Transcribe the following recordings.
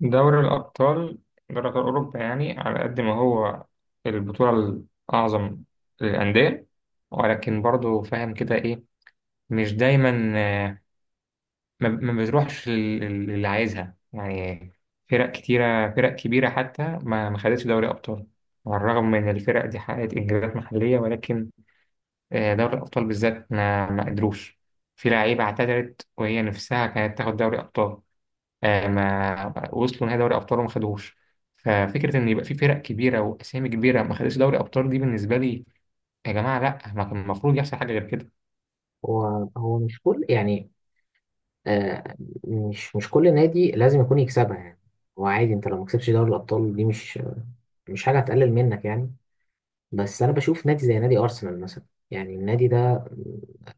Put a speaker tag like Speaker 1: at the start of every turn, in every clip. Speaker 1: دوري الأبطال دوري أبطال أوروبا، يعني على قد ما هو البطولة الأعظم للأندية، ولكن برضو فاهم كده إيه، مش دايما. آه، ما بتروحش للي عايزها يعني. فرق كبيرة حتى ما خدتش دوري أبطال، على الرغم من إن الفرق دي حققت إنجازات محلية، ولكن دوري الأبطال بالذات ما قدروش. في لعيبة اعتذرت وهي نفسها كانت تاخد دوري أبطال، ما وصلوا نهائي دوري ابطال وما خدوهوش. ففكره ان يبقى في فرق كبيره واسامي كبيره ما خدتش دوري ابطال، دي بالنسبه لي يا جماعه، لا، ما كان المفروض يحصل حاجه غير كده.
Speaker 2: هو مش كل يعني آه مش كل نادي لازم يكون يكسبها يعني. هو عادي، انت لو ما كسبتش دوري الابطال دي مش حاجه هتقلل منك يعني. بس انا بشوف نادي زي نادي ارسنال مثلا، يعني النادي ده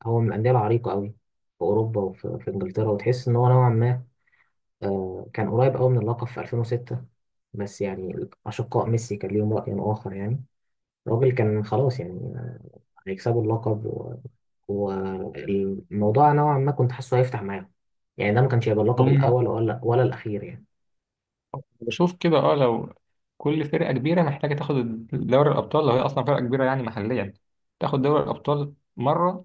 Speaker 2: هو من الانديه العريقه قوي في اوروبا وفي انجلترا، وتحس ان هو نوعا ما كان قريب قوي من اللقب في 2006. بس يعني اشقاء ميسي كان ليهم راي اخر يعني. الراجل كان خلاص يعني هيكسبوا اللقب و... والموضوع نوعا ما كنت حاسه هيفتح معاهم، يعني ده ما كانش هيبقى اللقب
Speaker 1: هم
Speaker 2: الاول ولا الاخير يعني.
Speaker 1: بشوف كده، لو كل فرقه كبيره محتاجه تاخد دوري الابطال، لو هي اصلا فرقه كبيره يعني محليا، تاخد دوري الابطال مره،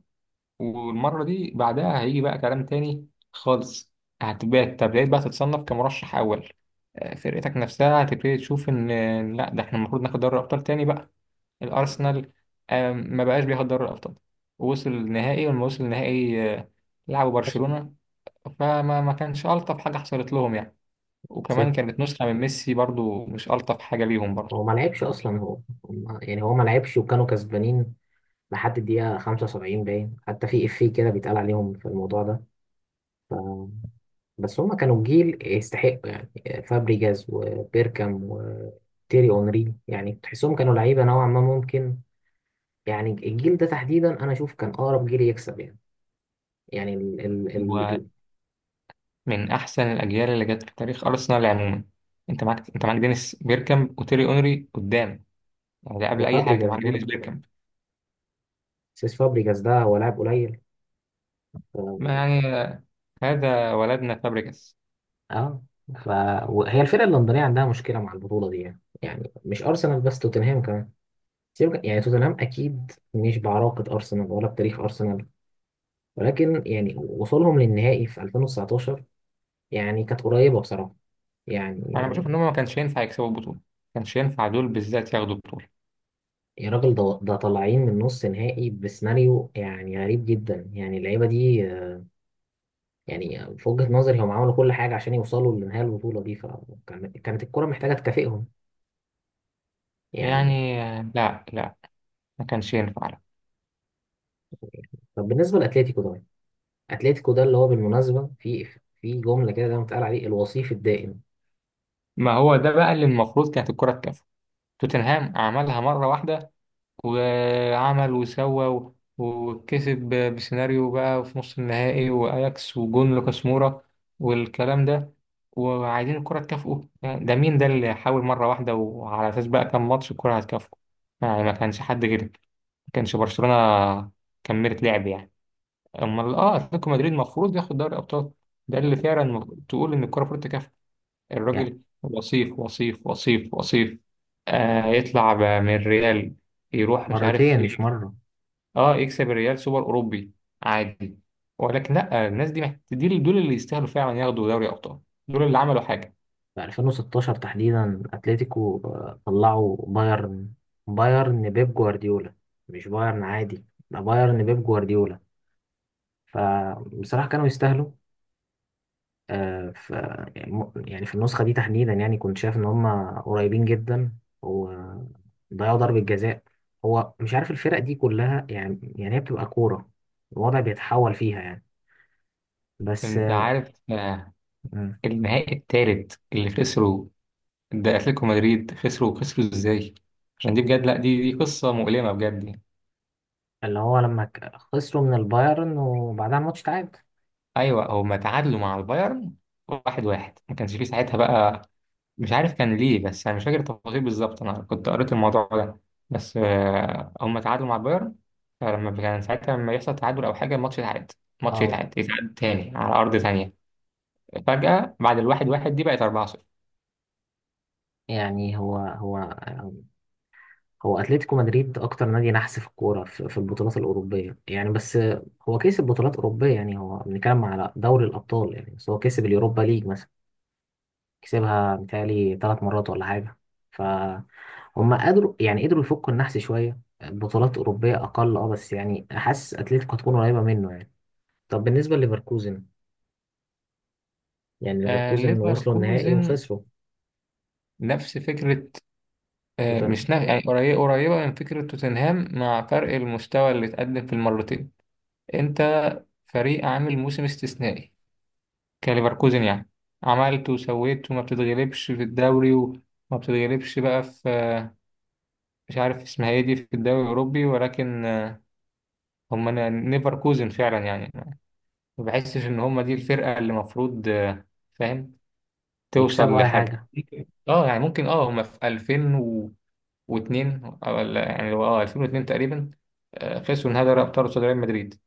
Speaker 1: والمره دي بعدها هيجي بقى كلام تاني خالص. هتبقى تبدأ بقى تتصنف كمرشح اول، فرقتك نفسها هتبتدي تشوف ان إن لا، ده احنا المفروض ناخد دوري الابطال تاني بقى. الارسنال ما بقاش بياخد دوري الابطال، ووصل النهائي، ولما وصل النهائي لعبوا
Speaker 2: ماشي.
Speaker 1: برشلونة. فما ما كانش الطف حاجة حصلت لهم يعني، وكمان
Speaker 2: ست
Speaker 1: كانت نسخة من ميسي برضو مش الطف حاجة ليهم برضو.
Speaker 2: هو ما لعبش اصلا هو، يعني هو ما لعبش وكانوا كسبانين لحد الدقيقه 75، باين حتى في افيه كده بيتقال عليهم في الموضوع ده. بس هم كانوا جيل يستحقوا يعني، فابريجاز وبيركام وتيري اونري، يعني تحسهم كانوا لعيبه نوعا ما ممكن يعني. الجيل ده تحديدا انا اشوف كان اقرب جيل يكسب يعني يعني،
Speaker 1: هو من احسن الاجيال اللي جت في تاريخ ارسنال عموما، انت معاك دينيس بيركامب وتيري اونري قدام، يعني ده قبل اي حاجة
Speaker 2: وفابريجاز
Speaker 1: معاك دينيس
Speaker 2: برضه.
Speaker 1: بيركامب.
Speaker 2: سيس فابريجاز ده هو لاعب قليل.
Speaker 1: ما
Speaker 2: اه
Speaker 1: يعني هذا ولدنا فابريجاس.
Speaker 2: آه. ف... وهي الفرقه اللندنيه عندها مشكله مع البطوله دي يعني، يعني مش ارسنال بس، توتنهام كمان. يعني توتنهام اكيد مش بعراقه ارسنال ولا بتاريخ ارسنال، ولكن يعني وصولهم للنهائي في 2019 يعني كانت قريبه بصراحه
Speaker 1: انا
Speaker 2: يعني.
Speaker 1: بشوف ان هم ما كانش ينفع يكسبوا البطولة، ما كانش ينفع دول بالذات ياخدوا البطولة،
Speaker 2: يا راجل، ده طالعين من نص نهائي بسيناريو يعني غريب جدا. يعني اللعيبه دي يعني في وجهه نظري هم عملوا كل حاجه عشان يوصلوا لنهايه البطوله دي، فكانت الكره محتاجه تكافئهم يعني.
Speaker 1: يعني لا لا، ما كانش ينفع، لا.
Speaker 2: طب بالنسبه لاتلتيكو ده، اتلتيكو ده اللي هو بالمناسبه في جمله كده دايما بتقال عليه الوصيف الدائم.
Speaker 1: ما هو ده بقى اللي المفروض كانت الكرة تكافئه. توتنهام عملها مرة واحدة، وعمل وسوى وكسب بسيناريو بقى في نص النهائي، وأياكس وجون لوكاس مورا والكلام ده، وعايزين الكرة تكافئه؟ يعني ده مين ده اللي حاول مرة واحدة، وعلى أساس بقى كام ماتش الكرة هتكافئه؟ يعني ما كانش حد غير ما كانش برشلونة كملت لعب يعني. أمال أتلتيكو مدريد المفروض ياخد دوري أبطال، ده اللي فعلا تقول إن الكرة المفروض تكافئه،
Speaker 2: يعني
Speaker 1: الراجل وصيف وصيف وصيف وصيف. يطلع من الريال، يروح مش عارف في
Speaker 2: مرتين مش
Speaker 1: إيه.
Speaker 2: مره.
Speaker 1: اه يكسب الريال سوبر اوروبي عادي، ولكن لا، الناس دي دي دول اللي يستاهلوا فعلا ياخدوا دوري ابطال، دول اللي عملوا حاجه.
Speaker 2: في 2016 تحديدا اتلتيكو طلعوا بايرن، بايرن بيب جوارديولا، مش بايرن عادي، ده بايرن بيب جوارديولا. فبصراحه كانوا يستاهلوا. آه، ف يعني يعني في النسخة دي تحديدا يعني كنت شايف إن هما قريبين جدا وضيعوا ضربة جزاء. هو مش عارف الفرق دي كلها يعني. يعني هي بتبقى كورة الوضع بيتحول فيها يعني. بس
Speaker 1: انت عارف
Speaker 2: مم.
Speaker 1: النهائي الثالث اللي خسروا ده، اتلتيكو مدريد خسروا ازاي؟ عشان دي بجد، لا، دي قصه مؤلمه بجد.
Speaker 2: اللي هو لما خسروا من البايرن وبعدها الماتش تعاد.
Speaker 1: ايوه، هما تعادلوا مع البايرن واحد واحد، ما كانش فيه ساعتها بقى، مش عارف كان ليه، بس انا مش فاكر التفاصيل بالظبط، انا كنت قريت الموضوع ده. بس هم تعادلوا مع بايرن، فلما كان ساعتها، لما يحصل تعادل او حاجه الماتش يتعاد، الماتش
Speaker 2: اه
Speaker 1: يتعاد تاني على ارض تانية. فجاه بعد الواحد واحد دي بقت 4-0.
Speaker 2: يعني هو هو اتلتيكو مدريد اكتر نادي نحس في الكوره في البطولات الاوروبيه يعني. بس هو كسب بطولات اوروبيه يعني، هو بنتكلم على دوري الابطال يعني، بس هو كسب اليوروبا ليج مثلا، كسبها متهيألي ثلاث مرات ولا حاجة. فهم قدروا، يعني قدروا يفكوا النحس شوية، بطولات أوروبية أقل أه. بس يعني حاسس أتلتيكو هتكون قريبة منه يعني. طب بالنسبة لليفركوزن، يعني ليفركوزن وصلوا النهائي
Speaker 1: ليفركوزن
Speaker 2: وخسروا
Speaker 1: نفس فكره، آه
Speaker 2: توتنهام،
Speaker 1: مش نف... يعني قريبه قريبه من فكره توتنهام مع فرق المستوى اللي اتقدم في المرتين. انت فريق عامل موسم استثنائي كليفركوزن يعني، عملت وسويت وما بتتغلبش في الدوري، وما بتتغلبش بقى في مش عارف اسمها ايه دي، في الدوري الأوروبي، ولكن هم نيفركوزن فعلا يعني. ما بحسش إن هم دي الفرقة اللي المفروض، فاهم، توصل
Speaker 2: يكسبوا أي
Speaker 1: لحاجة.
Speaker 2: حاجة.
Speaker 1: اه يعني ممكن هم في 2002، يعني هو 2002 تقريبا، خسروا نهائي دوري ابطال قصاد ريال مدريد.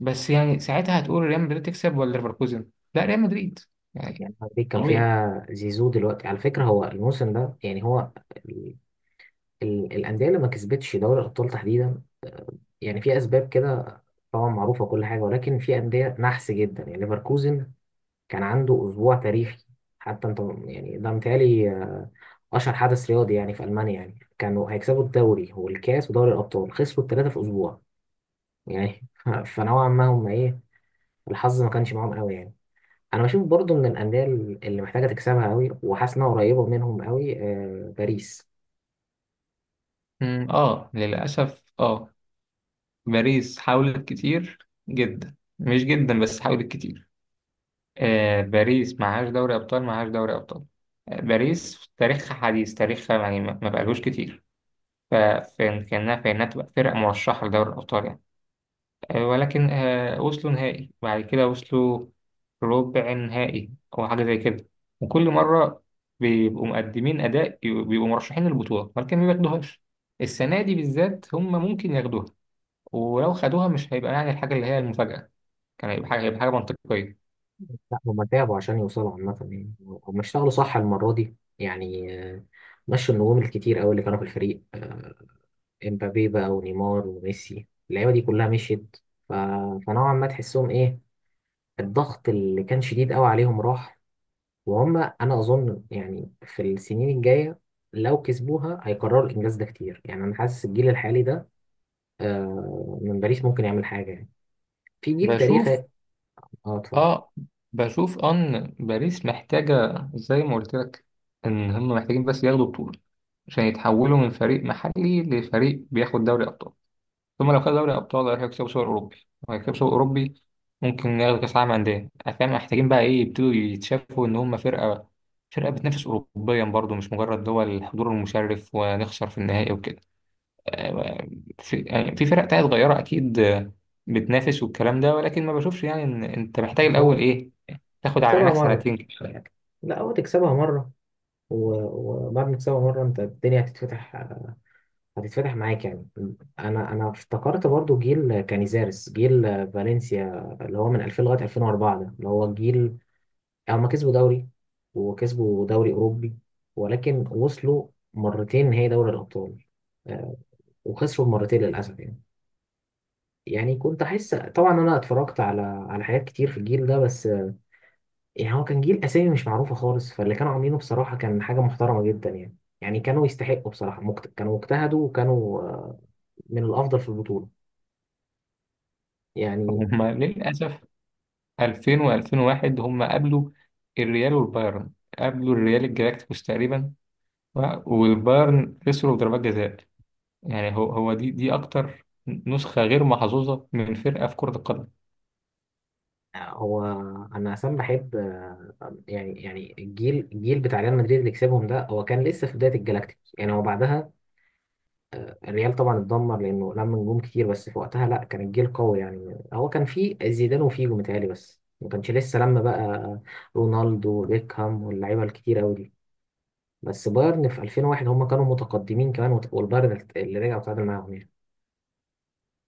Speaker 1: بس يعني ساعتها هتقول ريال مدريد تكسب ولا ليفركوزن؟ لا، ريال مدريد، يعني
Speaker 2: يعني هارفيك كان
Speaker 1: طبيعي.
Speaker 2: فيها زيزو دلوقتي على فكرة. هو الموسم ده يعني هو ال- الأندية اللي ما كسبتش دوري الأبطال تحديدا يعني في أسباب كده طبعا معروفة كل حاجة، ولكن في أندية نحس جدا يعني. ليفركوزن كان عنده أسبوع تاريخي، حتى أنت يعني ده متهيألي أشهر حدث رياضي يعني في ألمانيا. يعني كانوا هيكسبوا الدوري والكاس ودوري الأبطال، خسروا التلاتة في أسبوع يعني فنوعا ما هم إيه، الحظ ما كانش معاهم قوي يعني. أنا بشوف برضو من الأندية اللي محتاجة تكسبها قوي وحاسس إنها قريبة منهم قوي باريس.
Speaker 1: للأسف باريس حاولت كتير جدا، مش جدا بس حاولت كتير. باريس معهاش دوري أبطال، معهاش دوري أبطال. باريس في تاريخها، حديث تاريخها، يعني ما بقالوش كتير، فكان كأنها في إنها تبقى فرقة مرشحة لدوري الأبطال يعني. ولكن وصلوا نهائي، بعد كده وصلوا ربع نهائي أو حاجة زي كده، وكل مرة بيبقوا مقدمين أداء، بيبقوا مرشحين للبطولة ولكن ما بياخدوهاش. السنة دي بالذات هم ممكن ياخدوها، ولو خدوها مش هيبقى يعني الحاجة اللي هي المفاجأة، كان هيبقى حاجة، هيبقى حاجة منطقية.
Speaker 2: لا هم تعبوا عشان يوصلوا عامة يعني. هم اشتغلوا صح المرة دي يعني، مشوا النجوم الكتير قوي اللي كانوا في الفريق، امبابي بقى ونيمار وميسي، اللعيبه دي كلها مشيت. ف... فنوعا ما تحسهم ايه، الضغط اللي كان شديد قوي عليهم راح. وهم انا اظن يعني في السنين الجايه لو كسبوها هيكرروا الانجاز ده كتير يعني. انا حاسس الجيل الحالي ده من باريس ممكن يعمل حاجه يعني، في جيل تاريخي.
Speaker 1: بشوف
Speaker 2: اه اتفضل.
Speaker 1: اه بشوف ان باريس محتاجة، زي ما قلت لك، ان هم محتاجين بس ياخدوا بطولة، عشان يتحولوا من فريق محلي لفريق بياخد دوري ابطال، ثم لو خد دوري ابطال هيكسبوا سوبر اوروبي، وهيكسبوا سوبر اوروبي ممكن ياخدوا كاس عالم انديه. فاهم، محتاجين بقى ايه، يبتدوا يتشافوا ان هم فرقة، فرقة بتنافس اوروبيا برضو، مش مجرد دول الحضور المشرف ونخسر في النهائي وكده. في يعني في فرق تانية صغيرة أكيد، بتنافس والكلام ده، ولكن ما بشوفش يعني إن أنت محتاج الأول
Speaker 2: هو
Speaker 1: إيه، تاخد على
Speaker 2: تكسبها
Speaker 1: عينك
Speaker 2: مره،
Speaker 1: سنتين كده ولا حاجة.
Speaker 2: لا هو تكسبها مره، وبعد ما تكسبها مره انت الدنيا هتتفتح، هتتفتح معاك يعني. انا افتكرت برضو جيل كانيزارس، جيل فالنسيا، اللي هو من 2000 لغايه 2004، ده اللي هو الجيل. هما كسبوا دوري وكسبوا دوري اوروبي، ولكن وصلوا مرتين نهائي دوري الابطال، آه، وخسروا مرتين للاسف يعني. يعني كنت احس طبعا، انا اتفرجت على حاجات كتير في الجيل ده. بس يعني هو كان جيل اسامي مش معروفه خالص، فاللي كانوا عاملينه بصراحه كان حاجه محترمه جدا يعني. يعني كانوا يستحقوا بصراحه، كانوا اجتهدوا وكانوا من الافضل في البطوله يعني.
Speaker 1: هما للأسف 2000 و2001 هما قابلوا الريال والبايرن، قابلوا الريال الجالاكتيكوس تقريبا، والبايرن خسروا بضربات جزاء. يعني هو دي أكتر نسخة غير محظوظة من فرقة في كرة القدم.
Speaker 2: هو انا اصلا بحب، يعني يعني الجيل بتاع ريال مدريد اللي كسبهم ده هو كان لسه في بدايه الجلاكتيكوس يعني. هو بعدها الريال طبعا اتدمر لانه لم نجوم كتير، بس في وقتها لا، كان الجيل قوي يعني. هو كان فيه زيدان وفيجو متهيألي، بس ما كانش لسه لما بقى رونالدو وبيكهام واللعيبه الكتير قوي دي. بس بايرن في 2001 هم كانوا متقدمين كمان، والبايرن اللي رجع وتعادل معاهم يعني.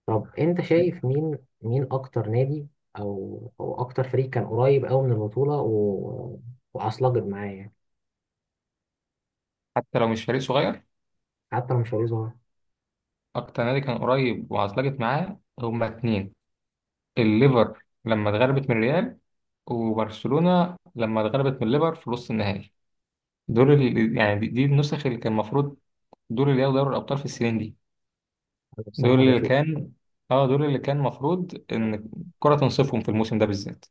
Speaker 2: طب انت شايف مين اكتر نادي، او اكتر فريق كان قريب قوي من البطوله و... وعصلجت معاه يعني،
Speaker 1: حتى لو مش فريق صغير،
Speaker 2: حتى لو مش هيظهر.
Speaker 1: أكتر نادي كان قريب وعطلقت معاه هما اتنين، الليفر لما اتغلبت من الريال، وبرشلونة لما اتغلبت من الليفر في نص النهائي، دول اللي يعني دي النسخ اللي كان المفروض، دول اللي ياخدوا دوري الأبطال في السنين دي،
Speaker 2: انا
Speaker 1: دول
Speaker 2: بصراحه
Speaker 1: اللي
Speaker 2: بشوف،
Speaker 1: كان اه دول اللي كان المفروض إن الكرة تنصفهم في الموسم ده بالذات.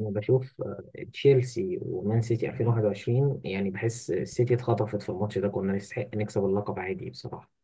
Speaker 2: انا بشوف آه، تشيلسي ومان سيتي 2021. يعني بحس السيتي اتخطفت في الماتش ده، كنا نستحق نكسب اللقب عادي بصراحه.